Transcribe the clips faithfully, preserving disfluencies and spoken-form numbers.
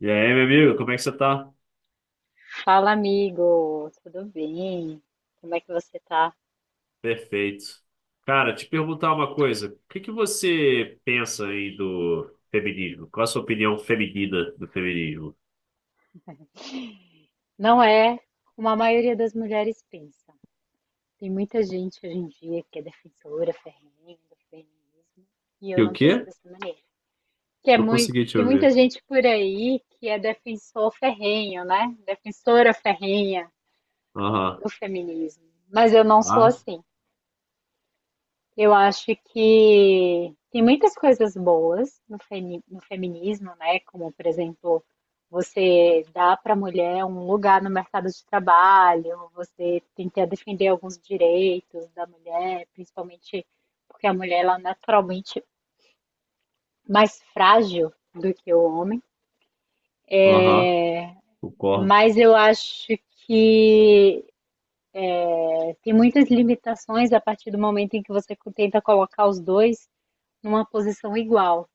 E aí, meu amigo, como é que você tá? Fala, amigo, tudo bem? Como é que você tá? Perfeito. Cara, te perguntar uma coisa. O que que você pensa aí do feminismo? Qual a sua opinião feminina do feminismo? Não é como a maioria das mulheres pensa. Tem muita gente hoje em dia que é defensora ferrenha do feminismo e Que eu o não penso quê? dessa maneira. Que é Não muito, consegui te tem muita ouvir. gente por aí que é defensor ferrenho, né? Defensora ferrenha Aham. do feminismo. Mas eu não sou Ah, assim. Eu acho que tem muitas coisas boas no, femi- no feminismo, né? Como, por exemplo, você dá para a mulher um lugar no mercado de trabalho, você tenta defender alguns direitos da mulher, principalmente porque a mulher ela é naturalmente mais frágil do que o homem. aham. Concordo. Mas eu acho que tem muitas limitações a partir do momento em que você tenta colocar os dois numa posição igual.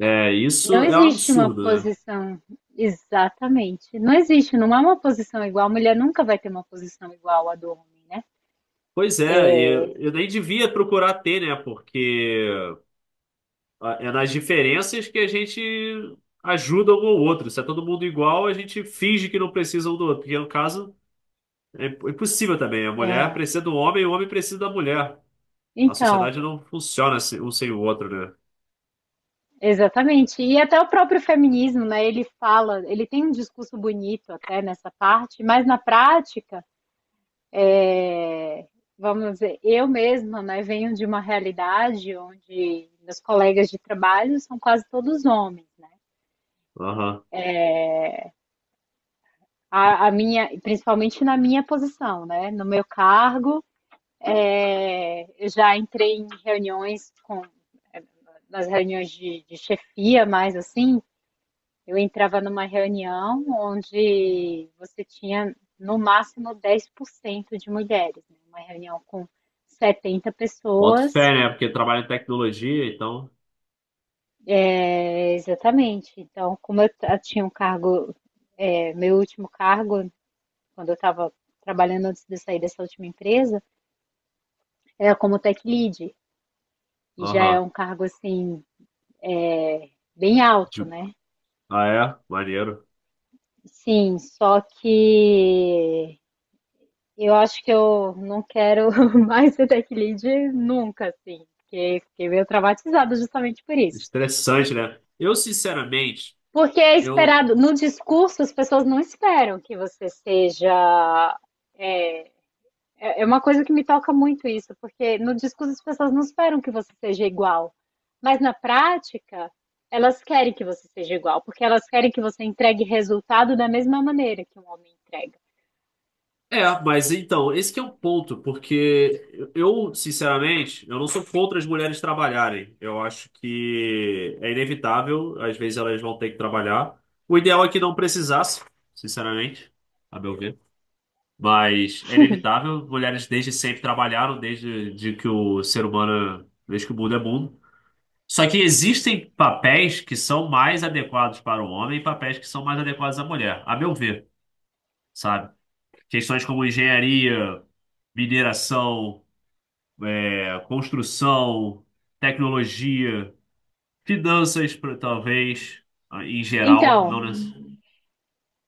É, Não isso é um existe uma absurdo, né? posição exatamente. Não existe, não há uma posição igual. A mulher nunca vai ter uma posição igual à do homem, né? Pois é, e eu, eu nem devia procurar ter, né? Porque a- é nas diferenças que a gente ajuda um ao outro. Se é todo mundo igual, a gente finge que não precisa um do outro. Porque, no caso, é impossível também. A mulher precisa do homem e o homem precisa da mulher. A Então, sociedade não funciona se- um sem o outro, né? exatamente. E até o próprio feminismo, né? Ele fala, ele tem um discurso bonito até nessa parte, mas na prática, é, vamos dizer, eu mesma, né, venho de uma realidade onde meus colegas de trabalho são quase todos homens. Aham. A, a minha, principalmente na minha posição, né? No meu cargo, é, eu já entrei em reuniões com, é, nas reuniões de, de chefia, mas assim, eu entrava numa reunião onde você tinha no máximo dez por cento de mulheres, né? Uma reunião com setenta Boto fé, pessoas, né? Porque trabalha em tecnologia, então. é, exatamente. Então, como eu t- eu tinha um cargo, é, meu último cargo, quando eu estava trabalhando antes de sair dessa última empresa, era como tech lead, e já é Aham. um cargo assim, bem alto, De- né? Ah, é? Maneiro. Sim, só que eu acho que eu não quero mais ser tech lead nunca, assim, porque fiquei meio traumatizada justamente por isso. Estressante, né? Eu, sinceramente, Porque é eu. esperado, no discurso as pessoas não esperam que você seja. É, é é uma coisa que me toca muito isso, porque no discurso as pessoas não esperam que você seja igual, mas na prática elas querem que você seja igual, porque elas querem que você entregue resultado da mesma maneira que um homem entrega. É, mas então, esse que é um ponto, porque eu, sinceramente, eu não sou contra as mulheres trabalharem. Eu acho que é inevitável, às vezes elas vão ter que trabalhar. O ideal é que não precisasse, sinceramente, a meu ver. Mas é inevitável, mulheres desde sempre trabalharam, desde de que o ser humano, desde que o mundo é mundo. Só que existem papéis que são mais adequados para o homem e papéis que são mais adequados à mulher, a meu ver, sabe? Questões como engenharia, mineração, é, construção, tecnologia, finanças, pro- talvez, em geral, Então, não necessariamente.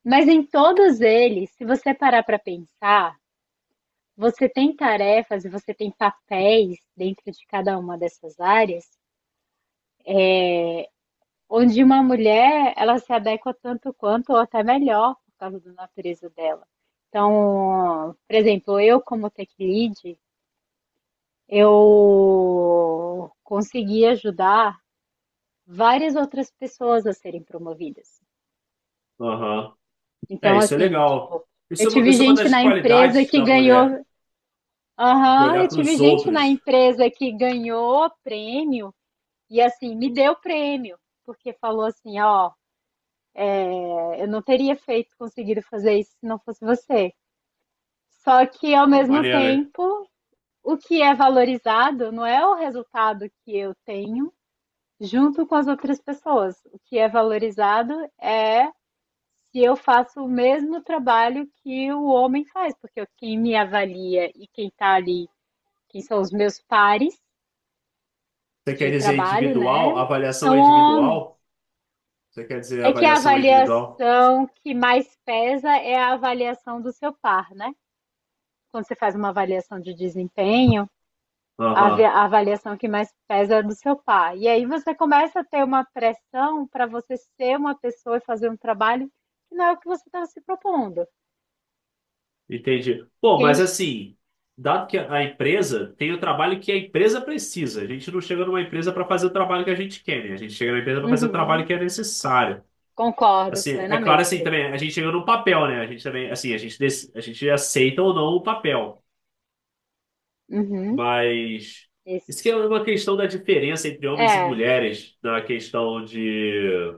mas em todos eles, se você parar para pensar, você tem tarefas e você tem papéis dentro de cada uma dessas áreas, onde uma mulher ela se adequa tanto quanto ou até melhor por causa da natureza dela. Então, por exemplo, eu como tech lead, eu consegui ajudar várias outras pessoas a serem promovidas. Aham. É, Então, isso é assim, legal. tipo, Isso eu é uma, tive isso é uma gente das na empresa qualidades que da mulher, ganhou de aham, olhar eu para tive os gente na outros. empresa que ganhou prêmio e assim, me deu prêmio, porque falou assim, ó, é, eu não teria feito, conseguido fazer isso se não fosse você. Só que ao Ó, mesmo maneiro, hein? tempo, o que é valorizado não é o resultado que eu tenho junto com as outras pessoas. O que é valorizado é se eu faço o mesmo trabalho que o homem faz, porque quem me avalia e quem tá ali, quem são os meus pares Você quer de dizer trabalho, individual? né? Avaliação São é homens. individual? Você quer dizer É que a avaliação é individual? avaliação que mais pesa é a avaliação do seu par, né? Quando você faz uma avaliação de desempenho, a av- Aham, a avaliação que mais pesa é do seu par. E aí você começa a ter uma pressão para você ser uma pessoa e fazer um trabalho que não é o que você estava se propondo, entendi. Pô, mas entende? assim, dado que a empresa tem o trabalho que a empresa precisa, a gente não chega numa empresa para fazer o trabalho que a gente quer, né? A gente chega na empresa para fazer o trabalho Uhum. que é necessário. Concordo Assim, é claro assim plenamente. também, a gente chega num papel, né? A gente também, assim, a gente, dec- a gente aceita ou não o papel, Uhum. mas isso que é Isso. uma questão da diferença entre homens e É. mulheres na questão de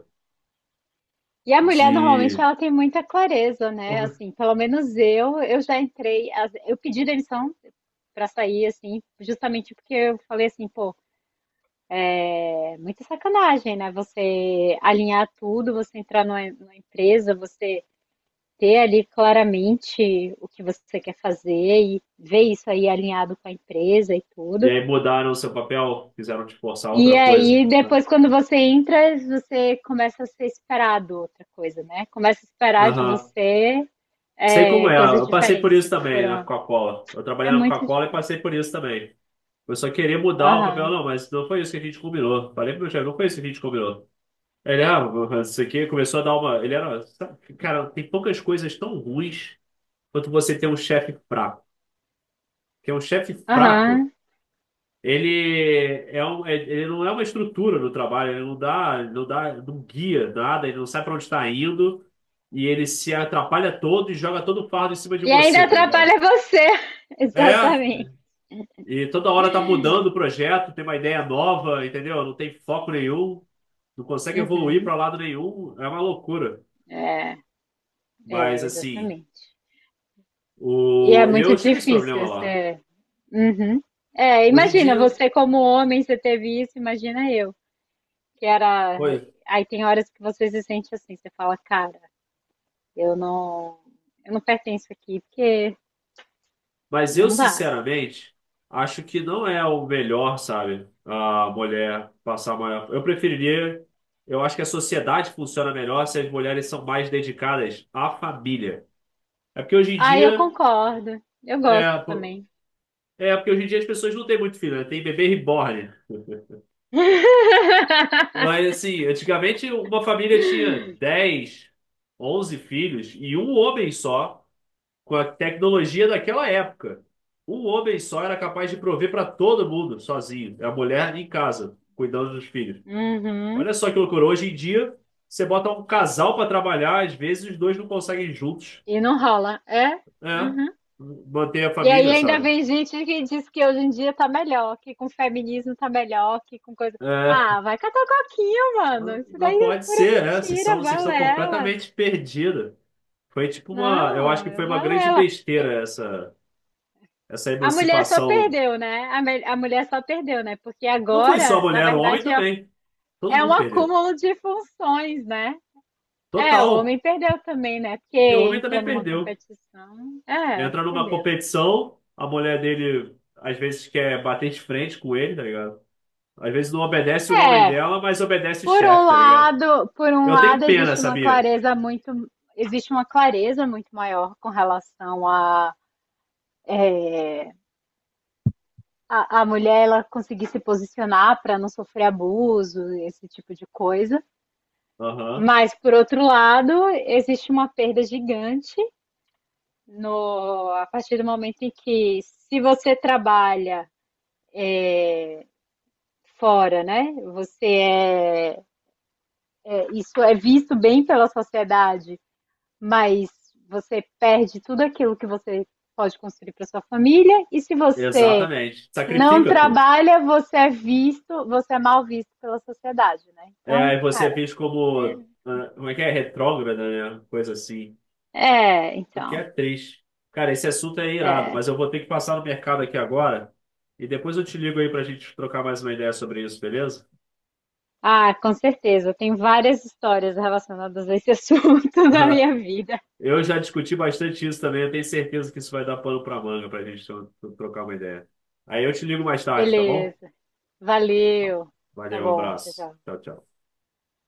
E a mulher normalmente de. ela tem muita clareza, né? Assim, pelo menos eu, eu já entrei, as- eu pedi demissão pra sair, assim, justamente porque eu falei assim, pô, é muita sacanagem, né? Você alinhar tudo, você entrar numa, numa empresa, você ter ali claramente o que você quer fazer e ver isso aí alinhado com a empresa e E tudo. aí mudaram o seu papel, quiseram te forçar a E outra coisa, aí, né? depois, quando você entra, você começa a ser esperado outra coisa, né? Começa a esperar de Aham. você Sei como é, é. coisas Eu passei por diferentes isso do que também na foram. Coca-Cola. Eu trabalhei É na muito Coca-Cola e difícil. passei por isso também. Eu só queria mudar o papel, Aham, não, mas não foi isso que a gente combinou. Falei pro meu chefe, não foi isso que a gente combinou. Ele, ah, isso aqui começou a dar uma. Ele era, sabe, cara, tem poucas coisas tão ruins quanto você ter um chefe fraco. Porque um chefe fraco, aham. ele, é um, é- ele não é uma estrutura no trabalho, ele não dá, não dá, não guia nada, ele não sabe para onde está indo e ele se atrapalha todo e joga todo o fardo em cima de E ainda você, tá ligado? atrapalha você. É, Exatamente. e toda hora tá mudando o projeto, tem uma ideia nova, entendeu? Não tem foco nenhum, não consegue evoluir Uhum. para lado nenhum, é uma loucura. Mas É, assim, exatamente. E é o, muito eu tive esse problema difícil lá. você. Uhum. É, Hoje em imagina, dia, você como homem, você teve isso, imagina eu, que era. pois, Aí tem horas que você se sente assim, você fala, cara, eu não, eu não pertenço aqui, porque mas eu, não dá. sinceramente, acho que não é o melhor, sabe? A mulher passar maior. Eu preferiria. Eu acho que a sociedade funciona melhor se as mulheres são mais dedicadas à família. É porque hoje em Ah, eu dia. concordo. Eu gosto É, po- também. É porque hoje em dia as pessoas não têm muito filho, né? Tem bebê reborn. Mas assim, antigamente uma família tinha dez, onze filhos e um homem só, com a tecnologia daquela época. Um homem só era capaz de prover para todo mundo, sozinho. É. A mulher em casa, cuidando dos filhos. Uhum. Olha só que loucura. Hoje em dia, você bota um casal para trabalhar, às vezes os dois não conseguem juntos, E não rola. É? né? Uhum. Manter a E aí família, ainda sabe? vem gente que diz que hoje em dia tá melhor, que com feminismo tá melhor, que com coisa. É, Ah, vai catar coquinho, mano. não Isso não daí é pode pura ser, né? Vocês são, mentira, vocês estão valela. completamente perdidos. Foi tipo uma, eu acho que Não, foi uma grande valela. besteira essa, essa A mulher só emancipação. perdeu, né? A, mel- a mulher só perdeu, né? Porque Não foi só a agora, na mulher, o homem verdade, é, também. Todo é um mundo perdeu. acúmulo de funções, né? É, o Total. homem perdeu também, né? Porque E o homem entra também numa perdeu. competição. É, Entra numa perdeu. competição, a mulher dele às vezes quer bater de frente com ele, tá ligado? Às vezes não obedece o homem É, dela, mas obedece o por um chefe, tá ligado? lado, por um Eu tenho lado pena, existe uma sabia? clareza muito, existe uma clareza muito maior com relação a a, a mulher ela conseguir se posicionar para não sofrer abuso, esse tipo de coisa. Aham, Mas por outro lado, existe uma perda gigante no a partir do momento em que se você trabalha é, fora, né? Você é, é isso é visto bem pela sociedade mas você perde tudo aquilo que você pode construir para sua família, e se você exatamente. não Sacrifica tudo. trabalha, você é visto, você é mal visto pela sociedade, né? É, Então, aí você é cara, visto é, como, ah, como é que é? Retrógrada, né? Coisa assim. é, O que é então, triste. Cara, esse assunto é irado, é. mas eu vou ter que passar no mercado aqui agora. E depois eu te ligo aí pra gente trocar mais uma ideia sobre isso, beleza? Ah, com certeza, tem várias histórias relacionadas a esse assunto na minha vida. Eu já discuti bastante isso também. Eu tenho certeza que isso vai dar pano para manga para a gente tro- trocar uma ideia. Aí eu te ligo mais tarde, tá bom? Beleza. Valeu. Tá Valeu, um bom, tchau, abraço. tchau. Tchau, tchau.